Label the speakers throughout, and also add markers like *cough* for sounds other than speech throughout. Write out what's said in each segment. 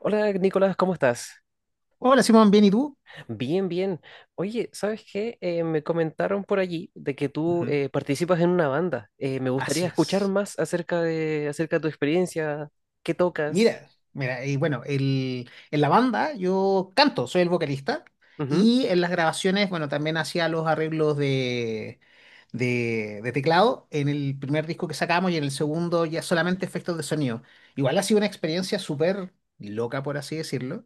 Speaker 1: Hola Nicolás, ¿cómo estás?
Speaker 2: Hola Simón, ¿bien y tú?
Speaker 1: Bien, bien. Oye, ¿sabes qué? Me comentaron por allí de que tú
Speaker 2: Ujú.
Speaker 1: participas en una banda. Me gustaría
Speaker 2: Así
Speaker 1: escuchar
Speaker 2: es.
Speaker 1: más acerca de tu experiencia, qué tocas.
Speaker 2: Mira, mira, y bueno, en la banda yo canto, soy el vocalista
Speaker 1: Ujú.
Speaker 2: y en las grabaciones, bueno, también hacía los arreglos de teclado en el primer disco que sacamos y en el segundo ya solamente efectos de sonido. Igual ha sido una experiencia súper loca, por así decirlo,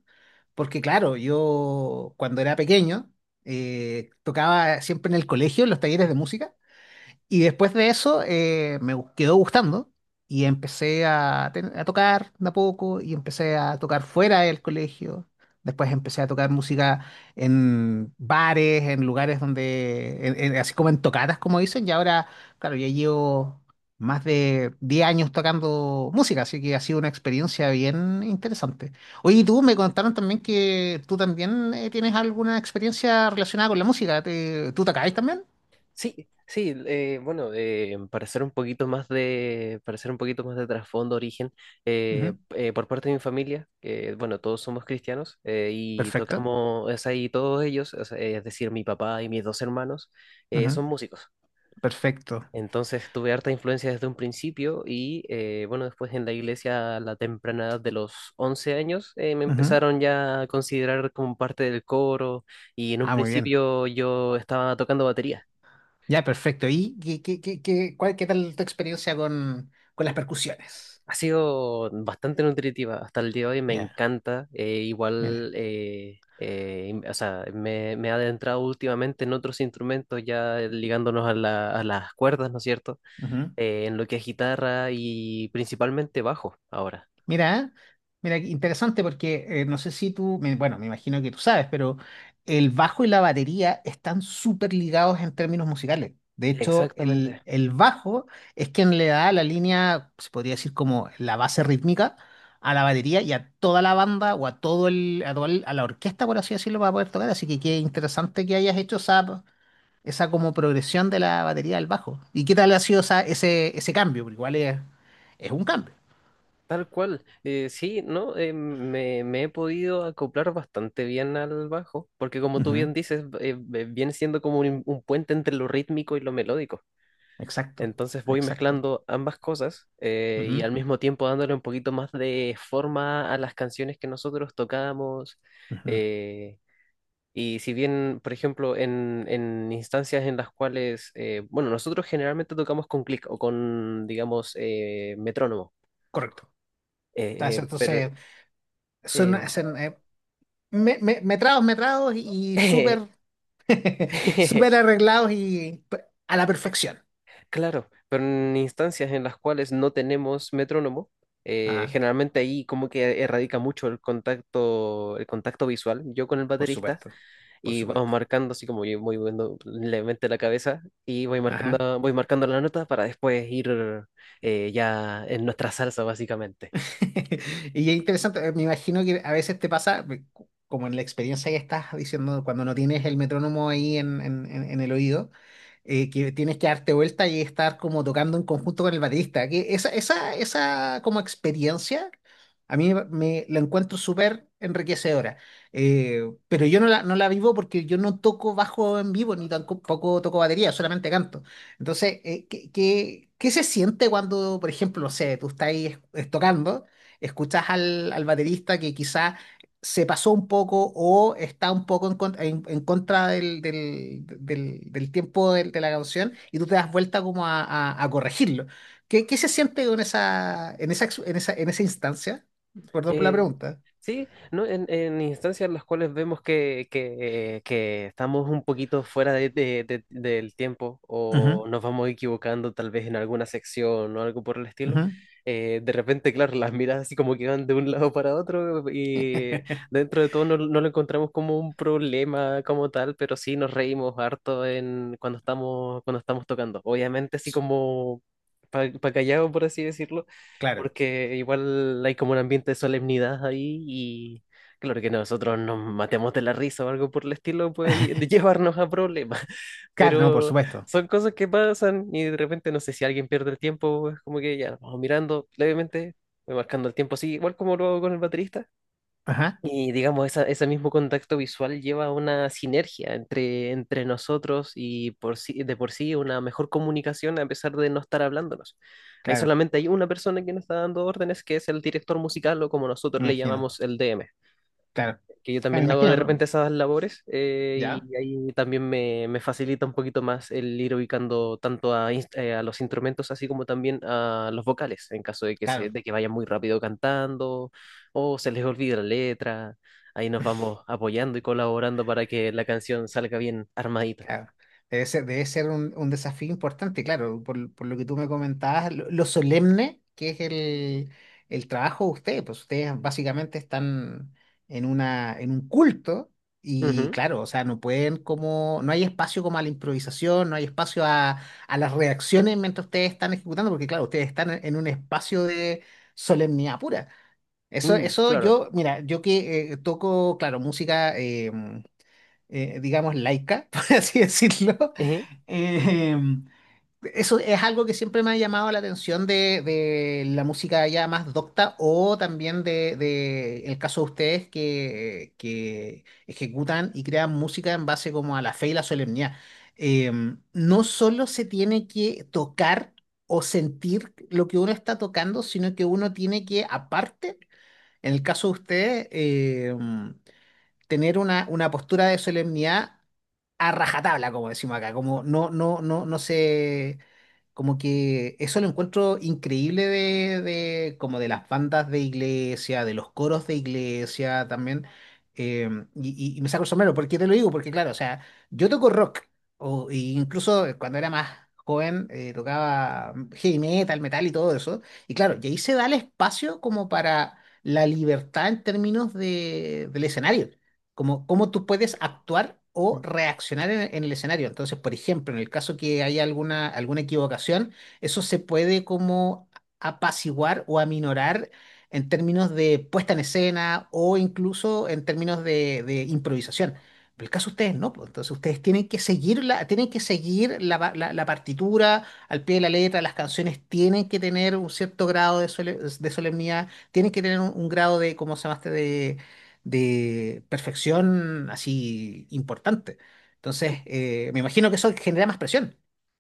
Speaker 2: porque claro, yo cuando era pequeño tocaba siempre en el colegio, en los talleres de música. Y después de eso quedó gustando y empecé a tocar de a poco y empecé a tocar fuera del colegio. Después empecé a tocar música en bares, en lugares donde, así como en tocadas, como dicen. Y ahora, claro, ya llevo más de 10 años tocando música, así que ha sido una experiencia bien interesante. Oye, y tú me contaron también que tú también tienes alguna experiencia relacionada con la música. ¿Tú tocáis también?
Speaker 1: Sí, sí, bueno, para hacer un poquito más de trasfondo, origen,
Speaker 2: Ujú.
Speaker 1: por parte de mi familia, bueno, todos somos cristianos y
Speaker 2: Perfecto.
Speaker 1: tocamos, es ahí todos ellos, o sea, es decir, mi papá y mis dos hermanos,
Speaker 2: Ujú.
Speaker 1: son músicos.
Speaker 2: Perfecto.
Speaker 1: Entonces tuve harta influencia desde un principio y bueno, después en la iglesia a la temprana edad de los 11 años me
Speaker 2: Ujú.
Speaker 1: empezaron ya a considerar como parte del coro y en un
Speaker 2: Ah, muy bien.
Speaker 1: principio yo estaba tocando batería.
Speaker 2: Ya, perfecto. ¿Y qué tal tu experiencia con las percusiones?
Speaker 1: Ha sido bastante nutritiva hasta el día de hoy, me
Speaker 2: Ya,
Speaker 1: encanta. eh,
Speaker 2: mira.
Speaker 1: igual, o sea, me he adentrado últimamente en otros instrumentos ya ligándonos a a las cuerdas, ¿no es cierto?
Speaker 2: Ujú.
Speaker 1: En lo que es guitarra y principalmente bajo ahora.
Speaker 2: Mira, mira, qué interesante porque no sé si tú, bueno, me imagino que tú sabes, pero el bajo y la batería están súper ligados en términos musicales. De hecho,
Speaker 1: Exactamente,
Speaker 2: el bajo es quien le da la línea, se podría decir como la base rítmica a la batería y a toda la banda o a a la orquesta, por así decirlo, para poder tocar. Así que qué interesante que hayas hecho esa como progresión de la batería al bajo. ¿Y qué tal ha sido ese cambio? Porque igual es un cambio.
Speaker 1: tal cual. Sí, ¿no? Me he podido acoplar bastante bien al bajo, porque como tú bien dices, viene siendo como un puente entre lo rítmico y lo melódico.
Speaker 2: Exacto,
Speaker 1: Entonces voy
Speaker 2: exacto.
Speaker 1: mezclando ambas cosas y
Speaker 2: Ujú,
Speaker 1: al mismo tiempo dándole un poquito más de forma a las canciones que nosotros tocamos.
Speaker 2: ujú.
Speaker 1: eh, y si bien, por ejemplo, en instancias en las cuales, bueno, nosotros generalmente tocamos con clic o con, digamos, metrónomo.
Speaker 2: Correcto.
Speaker 1: Eh,
Speaker 2: Entonces,
Speaker 1: eh, pero,
Speaker 2: entonces, son, metrados, metrados y
Speaker 1: eh,
Speaker 2: súper *laughs* súper
Speaker 1: *laughs*
Speaker 2: arreglados y a la perfección.
Speaker 1: claro, pero en instancias en las cuales no tenemos metrónomo,
Speaker 2: Ajá,
Speaker 1: generalmente ahí como que erradica mucho el contacto visual, yo con el
Speaker 2: por
Speaker 1: baterista,
Speaker 2: supuesto, por
Speaker 1: y vamos
Speaker 2: supuesto.
Speaker 1: marcando así como yo voy moviendo levemente la cabeza y
Speaker 2: Ajá.
Speaker 1: voy marcando la nota para después ir ya en nuestra salsa básicamente.
Speaker 2: *laughs* Y es interesante, me imagino que a veces te pasa, como en la experiencia que estás diciendo, cuando no tienes el metrónomo ahí en el oído, que tienes que darte vuelta y estar como tocando en conjunto con el baterista. Que esa como experiencia, a mí me la encuentro súper enriquecedora. Eh, pero yo no la vivo porque yo no toco bajo en vivo, ni tampoco toco batería, solamente canto. Entonces, ¿qué se siente cuando, por ejemplo, no sé, tú estás ahí, tocando? Escuchas al baterista que quizá se pasó un poco o está un poco en contra del tiempo de la canción y tú te das vuelta como a corregirlo. ¿Qué se siente en esa, en esa instancia? Perdón por la
Speaker 1: Eh,
Speaker 2: pregunta.
Speaker 1: Sí ¿no? En instancias en las cuales vemos que estamos un poquito fuera del tiempo
Speaker 2: Ujú,
Speaker 1: o nos vamos equivocando tal vez en alguna sección o algo por el estilo,
Speaker 2: ujú.
Speaker 1: de repente, claro, las miradas así como que van de un lado para otro y dentro de todo no, no lo encontramos como un problema como tal, pero sí nos reímos harto cuando estamos, tocando. Obviamente así como para pa pa callado, por así decirlo,
Speaker 2: Claro.
Speaker 1: porque igual hay como un ambiente de solemnidad ahí y claro que nosotros nos matemos de la risa o algo por el estilo puede *laughs* llevarnos a problemas, *laughs*
Speaker 2: Claro, no, por
Speaker 1: pero
Speaker 2: supuesto.
Speaker 1: son cosas que pasan y de repente no sé si alguien pierde el tiempo, es como que ya nos vamos mirando levemente, voy marcando el tiempo así, igual como lo hago con el baterista
Speaker 2: Ajá,
Speaker 1: y digamos, ese mismo contacto visual lleva a una sinergia entre, nosotros y de por sí una mejor comunicación a pesar de no estar hablándonos. Ahí
Speaker 2: claro,
Speaker 1: solamente hay una persona que nos está dando órdenes, que es el director musical o como nosotros
Speaker 2: me
Speaker 1: le
Speaker 2: imagino.
Speaker 1: llamamos el DM,
Speaker 2: Claro,
Speaker 1: que yo
Speaker 2: ya, me
Speaker 1: también hago de
Speaker 2: imagino,
Speaker 1: repente
Speaker 2: ¿no?
Speaker 1: esas labores
Speaker 2: Ya,
Speaker 1: y ahí también me facilita un poquito más el ir ubicando tanto a los instrumentos así como también a los vocales en caso de
Speaker 2: claro.
Speaker 1: de que vayan muy rápido cantando o se les olvide la letra. Ahí nos vamos apoyando y colaborando para que la canción salga bien armadita.
Speaker 2: Claro. Debe ser un desafío importante, claro, por lo que tú me comentabas, lo solemne que es el trabajo de ustedes, pues ustedes básicamente están en un culto y
Speaker 1: Ujú.
Speaker 2: claro, o sea, no pueden como, no hay espacio como a la improvisación, no hay espacio a las reacciones mientras ustedes están ejecutando, porque claro, ustedes están en un espacio de solemnidad pura. Eso,
Speaker 1: Mm,
Speaker 2: eso
Speaker 1: claro.
Speaker 2: yo, mira, yo que toco, claro, música digamos, laica, *laughs* por así decirlo.
Speaker 1: Ejé.
Speaker 2: Eh, eso es algo que siempre me ha llamado la atención de la música ya más docta o también de el caso de ustedes que ejecutan y crean música en base como a la fe y la solemnidad. Eh, no solo se tiene que tocar o sentir lo que uno está tocando, sino que uno tiene que, aparte, en el caso de ustedes, tener una postura de solemnidad a rajatabla, como decimos acá, como no, no, no, no sé, como que eso lo encuentro increíble como de las bandas de iglesia, de los coros de iglesia también, eh, y, y me saco el sombrero, ¿por qué te lo digo? Porque claro, o sea, yo toco rock, o incluso cuando era más joven tocaba heavy metal, metal y todo eso, y claro, y ahí se da el espacio como para la libertad en términos de, del escenario como cómo tú puedes actuar o reaccionar en el escenario. Entonces, por ejemplo, en el caso que haya alguna equivocación, eso se puede como apaciguar o aminorar en términos de puesta en escena o incluso en términos de improvisación. Pero el caso de ustedes no, pues, entonces ustedes tienen que seguir la partitura al pie de la letra, las canciones tienen que tener un cierto grado de solemnidad, tienen que tener un grado de, ¿cómo se llamaste? De perfección así importante. Entonces, me imagino que eso genera más presión.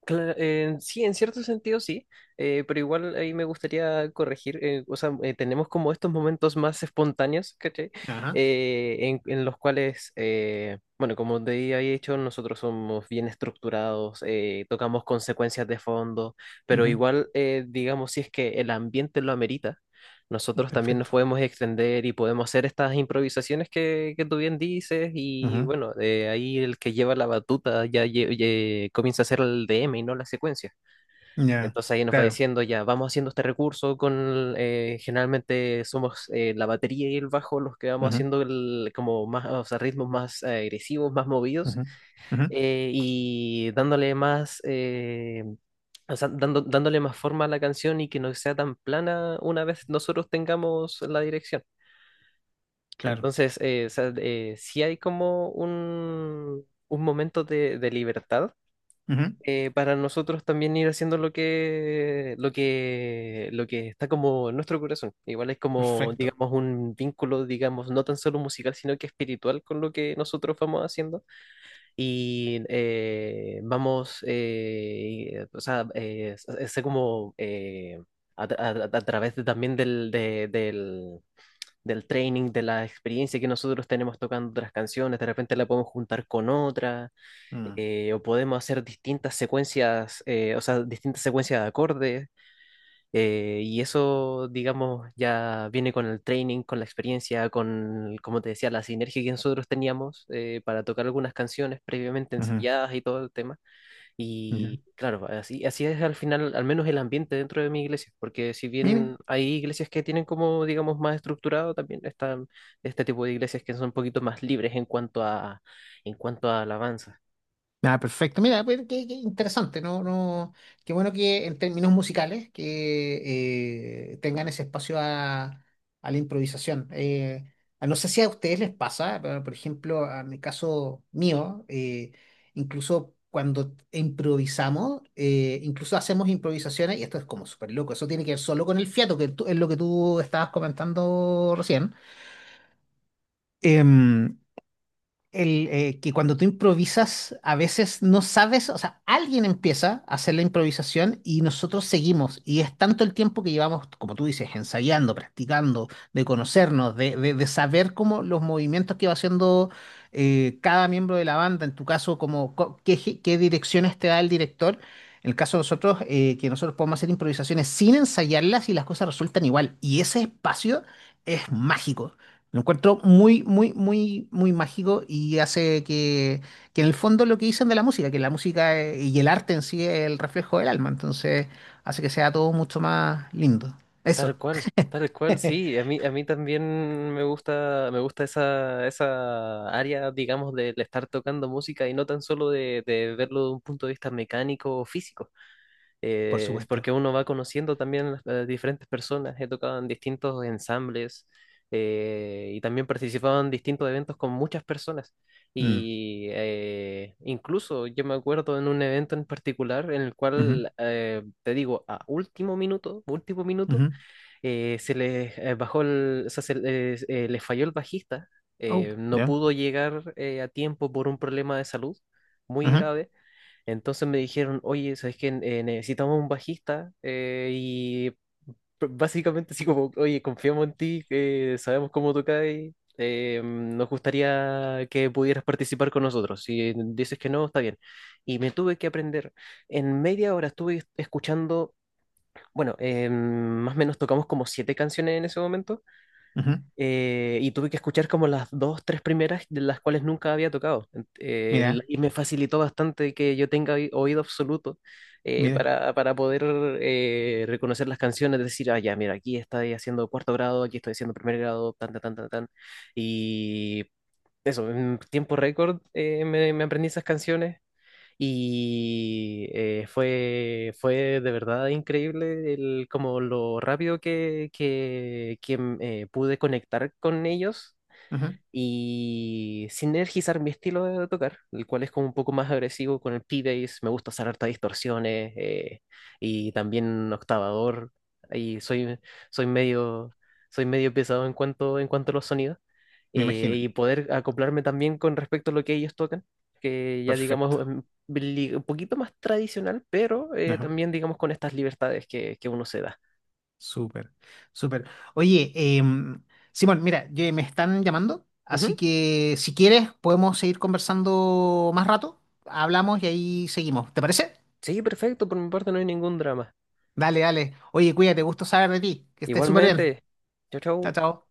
Speaker 1: Sí, en cierto sentido sí, pero igual ahí me gustaría corregir, o sea, tenemos como estos momentos más espontáneos, ¿cachai?
Speaker 2: Ajá,
Speaker 1: En los cuales, bueno, como te había dicho, nosotros somos bien estructurados, tocamos consecuencias de fondo, pero
Speaker 2: ujú,
Speaker 1: igual, digamos, si es que el ambiente lo amerita nosotros también nos
Speaker 2: perfecto.
Speaker 1: podemos extender y podemos hacer estas improvisaciones que tú bien dices y
Speaker 2: Ujú,
Speaker 1: bueno, de ahí el que lleva la batuta ya, comienza a hacer el DM y no la secuencia.
Speaker 2: ya,
Speaker 1: Entonces ahí nos va
Speaker 2: claro.
Speaker 1: diciendo ya, vamos haciendo este recurso generalmente somos la batería y el bajo los que vamos
Speaker 2: Ujú,
Speaker 1: haciendo como más, o sea, ritmos más agresivos, más movidos
Speaker 2: ujú, ujú,
Speaker 1: y dándole más, o sea, dándole más forma a la canción y que no sea tan plana una vez nosotros tengamos la dirección.
Speaker 2: claro.
Speaker 1: Entonces, o sea, sí hay como un momento de libertad
Speaker 2: Ujú,
Speaker 1: para nosotros también ir haciendo lo que está como en nuestro corazón. Igual es como,
Speaker 2: perfecto.
Speaker 1: digamos, un vínculo, digamos, no tan solo musical, sino que espiritual con lo que nosotros vamos haciendo y vamos, o sea, sé como a, tra- a través también del training, de la experiencia que nosotros tenemos tocando otras canciones, de repente la podemos juntar con otra,
Speaker 2: Mm,
Speaker 1: o podemos hacer distintas secuencias, o sea, distintas secuencias de acordes y eso, digamos, ya viene con el training, con la experiencia, con, como te decía, la sinergia que nosotros teníamos para tocar algunas canciones previamente
Speaker 2: ujú,
Speaker 1: ensayadas y todo el tema.
Speaker 2: ujú.
Speaker 1: Y claro, así es al final, al menos el ambiente dentro de mi iglesia, porque si
Speaker 2: Mira,
Speaker 1: bien hay iglesias que tienen como, digamos, más estructurado, también están este tipo de iglesias que son un poquito más libres en cuanto a, alabanza.
Speaker 2: ah, perfecto. Mira, pues, qué interesante, ¿no? No, qué bueno que en términos musicales que tengan ese espacio a la improvisación. No sé si a ustedes les pasa, pero por ejemplo, a mi caso mío, incluso cuando improvisamos, incluso hacemos improvisaciones, y esto es como súper loco, eso tiene que ver solo con el fiato, es lo que tú estabas comentando recién. Em, que cuando tú improvisas, a veces no sabes, o sea, alguien empieza a hacer la improvisación y nosotros seguimos. Y es tanto el tiempo que llevamos, como tú dices, ensayando, practicando, de conocernos, de saber cómo los movimientos que va haciendo cada miembro de la banda, en tu caso, como, co- qué, ge- qué direcciones te da el director. En el caso de nosotros, que nosotros podemos hacer improvisaciones sin ensayarlas y las cosas resultan igual. Y ese espacio es mágico. Lo encuentro muy, muy, muy, muy mágico y hace que en el fondo lo que dicen de la música, que la música y el arte en sí es el reflejo del alma, entonces hace que sea todo mucho más lindo. Eso.
Speaker 1: Tal cual,
Speaker 2: *laughs*
Speaker 1: sí. A mí también me gusta esa área, digamos, de estar tocando música y no tan solo de verlo de un punto de vista mecánico o físico.
Speaker 2: Por
Speaker 1: Es
Speaker 2: supuesto.
Speaker 1: porque uno va conociendo también a diferentes personas. He tocado en distintos ensambles y también participado en distintos eventos con muchas personas.
Speaker 2: Mm,
Speaker 1: Y incluso yo me acuerdo en un evento en particular en el
Speaker 2: ujú,
Speaker 1: cual, te digo, a último minuto
Speaker 2: ujú.
Speaker 1: se les o sea, se les, les falló el bajista,
Speaker 2: Oh,
Speaker 1: no
Speaker 2: ya.
Speaker 1: pudo llegar a tiempo por un problema de salud muy
Speaker 2: Ujú,
Speaker 1: grave. Entonces me dijeron, oye, ¿sabes qué? Necesitamos un bajista y básicamente así como, oye, confiamos en ti, sabemos cómo tocas, nos gustaría que pudieras participar con nosotros. Si dices que no, está bien. Y me tuve que aprender. En media hora estuve escuchando, bueno, más o menos tocamos como siete canciones en ese momento
Speaker 2: ujú.
Speaker 1: y tuve que escuchar como las dos, tres primeras de las cuales nunca había tocado. Ent- eh, el-
Speaker 2: Mira,
Speaker 1: y me facilitó bastante que yo tenga oído absoluto
Speaker 2: mira.
Speaker 1: para poder reconocer las canciones, decir, ah, ya, mira, aquí estoy haciendo cuarto grado, aquí estoy haciendo primer grado, tan, tan, tan, tan, tan. Y eso, en tiempo récord me aprendí esas canciones y fue de verdad increíble el, como lo rápido pude conectar con ellos
Speaker 2: Ujú.
Speaker 1: y sinergizar mi estilo de tocar, el cual es como un poco más agresivo con el P-Bass, me gusta hacer hartas distorsiones y también octavador, y soy medio, soy medio pesado en cuanto a los sonidos,
Speaker 2: Me imagino.
Speaker 1: y poder acoplarme también con respecto a lo que ellos tocan, que ya digamos
Speaker 2: Perfecto.
Speaker 1: un poquito más tradicional, pero
Speaker 2: Ajá.
Speaker 1: también digamos con estas libertades que uno se da.
Speaker 2: Súper, súper. Oye, em, Simón, mira, me están llamando, así
Speaker 1: Ujú.
Speaker 2: que si quieres podemos seguir conversando más rato. Hablamos y ahí seguimos. ¿Te parece?
Speaker 1: Sí, perfecto, por mi parte no hay ningún drama.
Speaker 2: Dale, dale. Oye, cuídate, gusto saber de ti. Que estés súper bien.
Speaker 1: Igualmente, chau,
Speaker 2: Chao,
Speaker 1: chau.
Speaker 2: chao.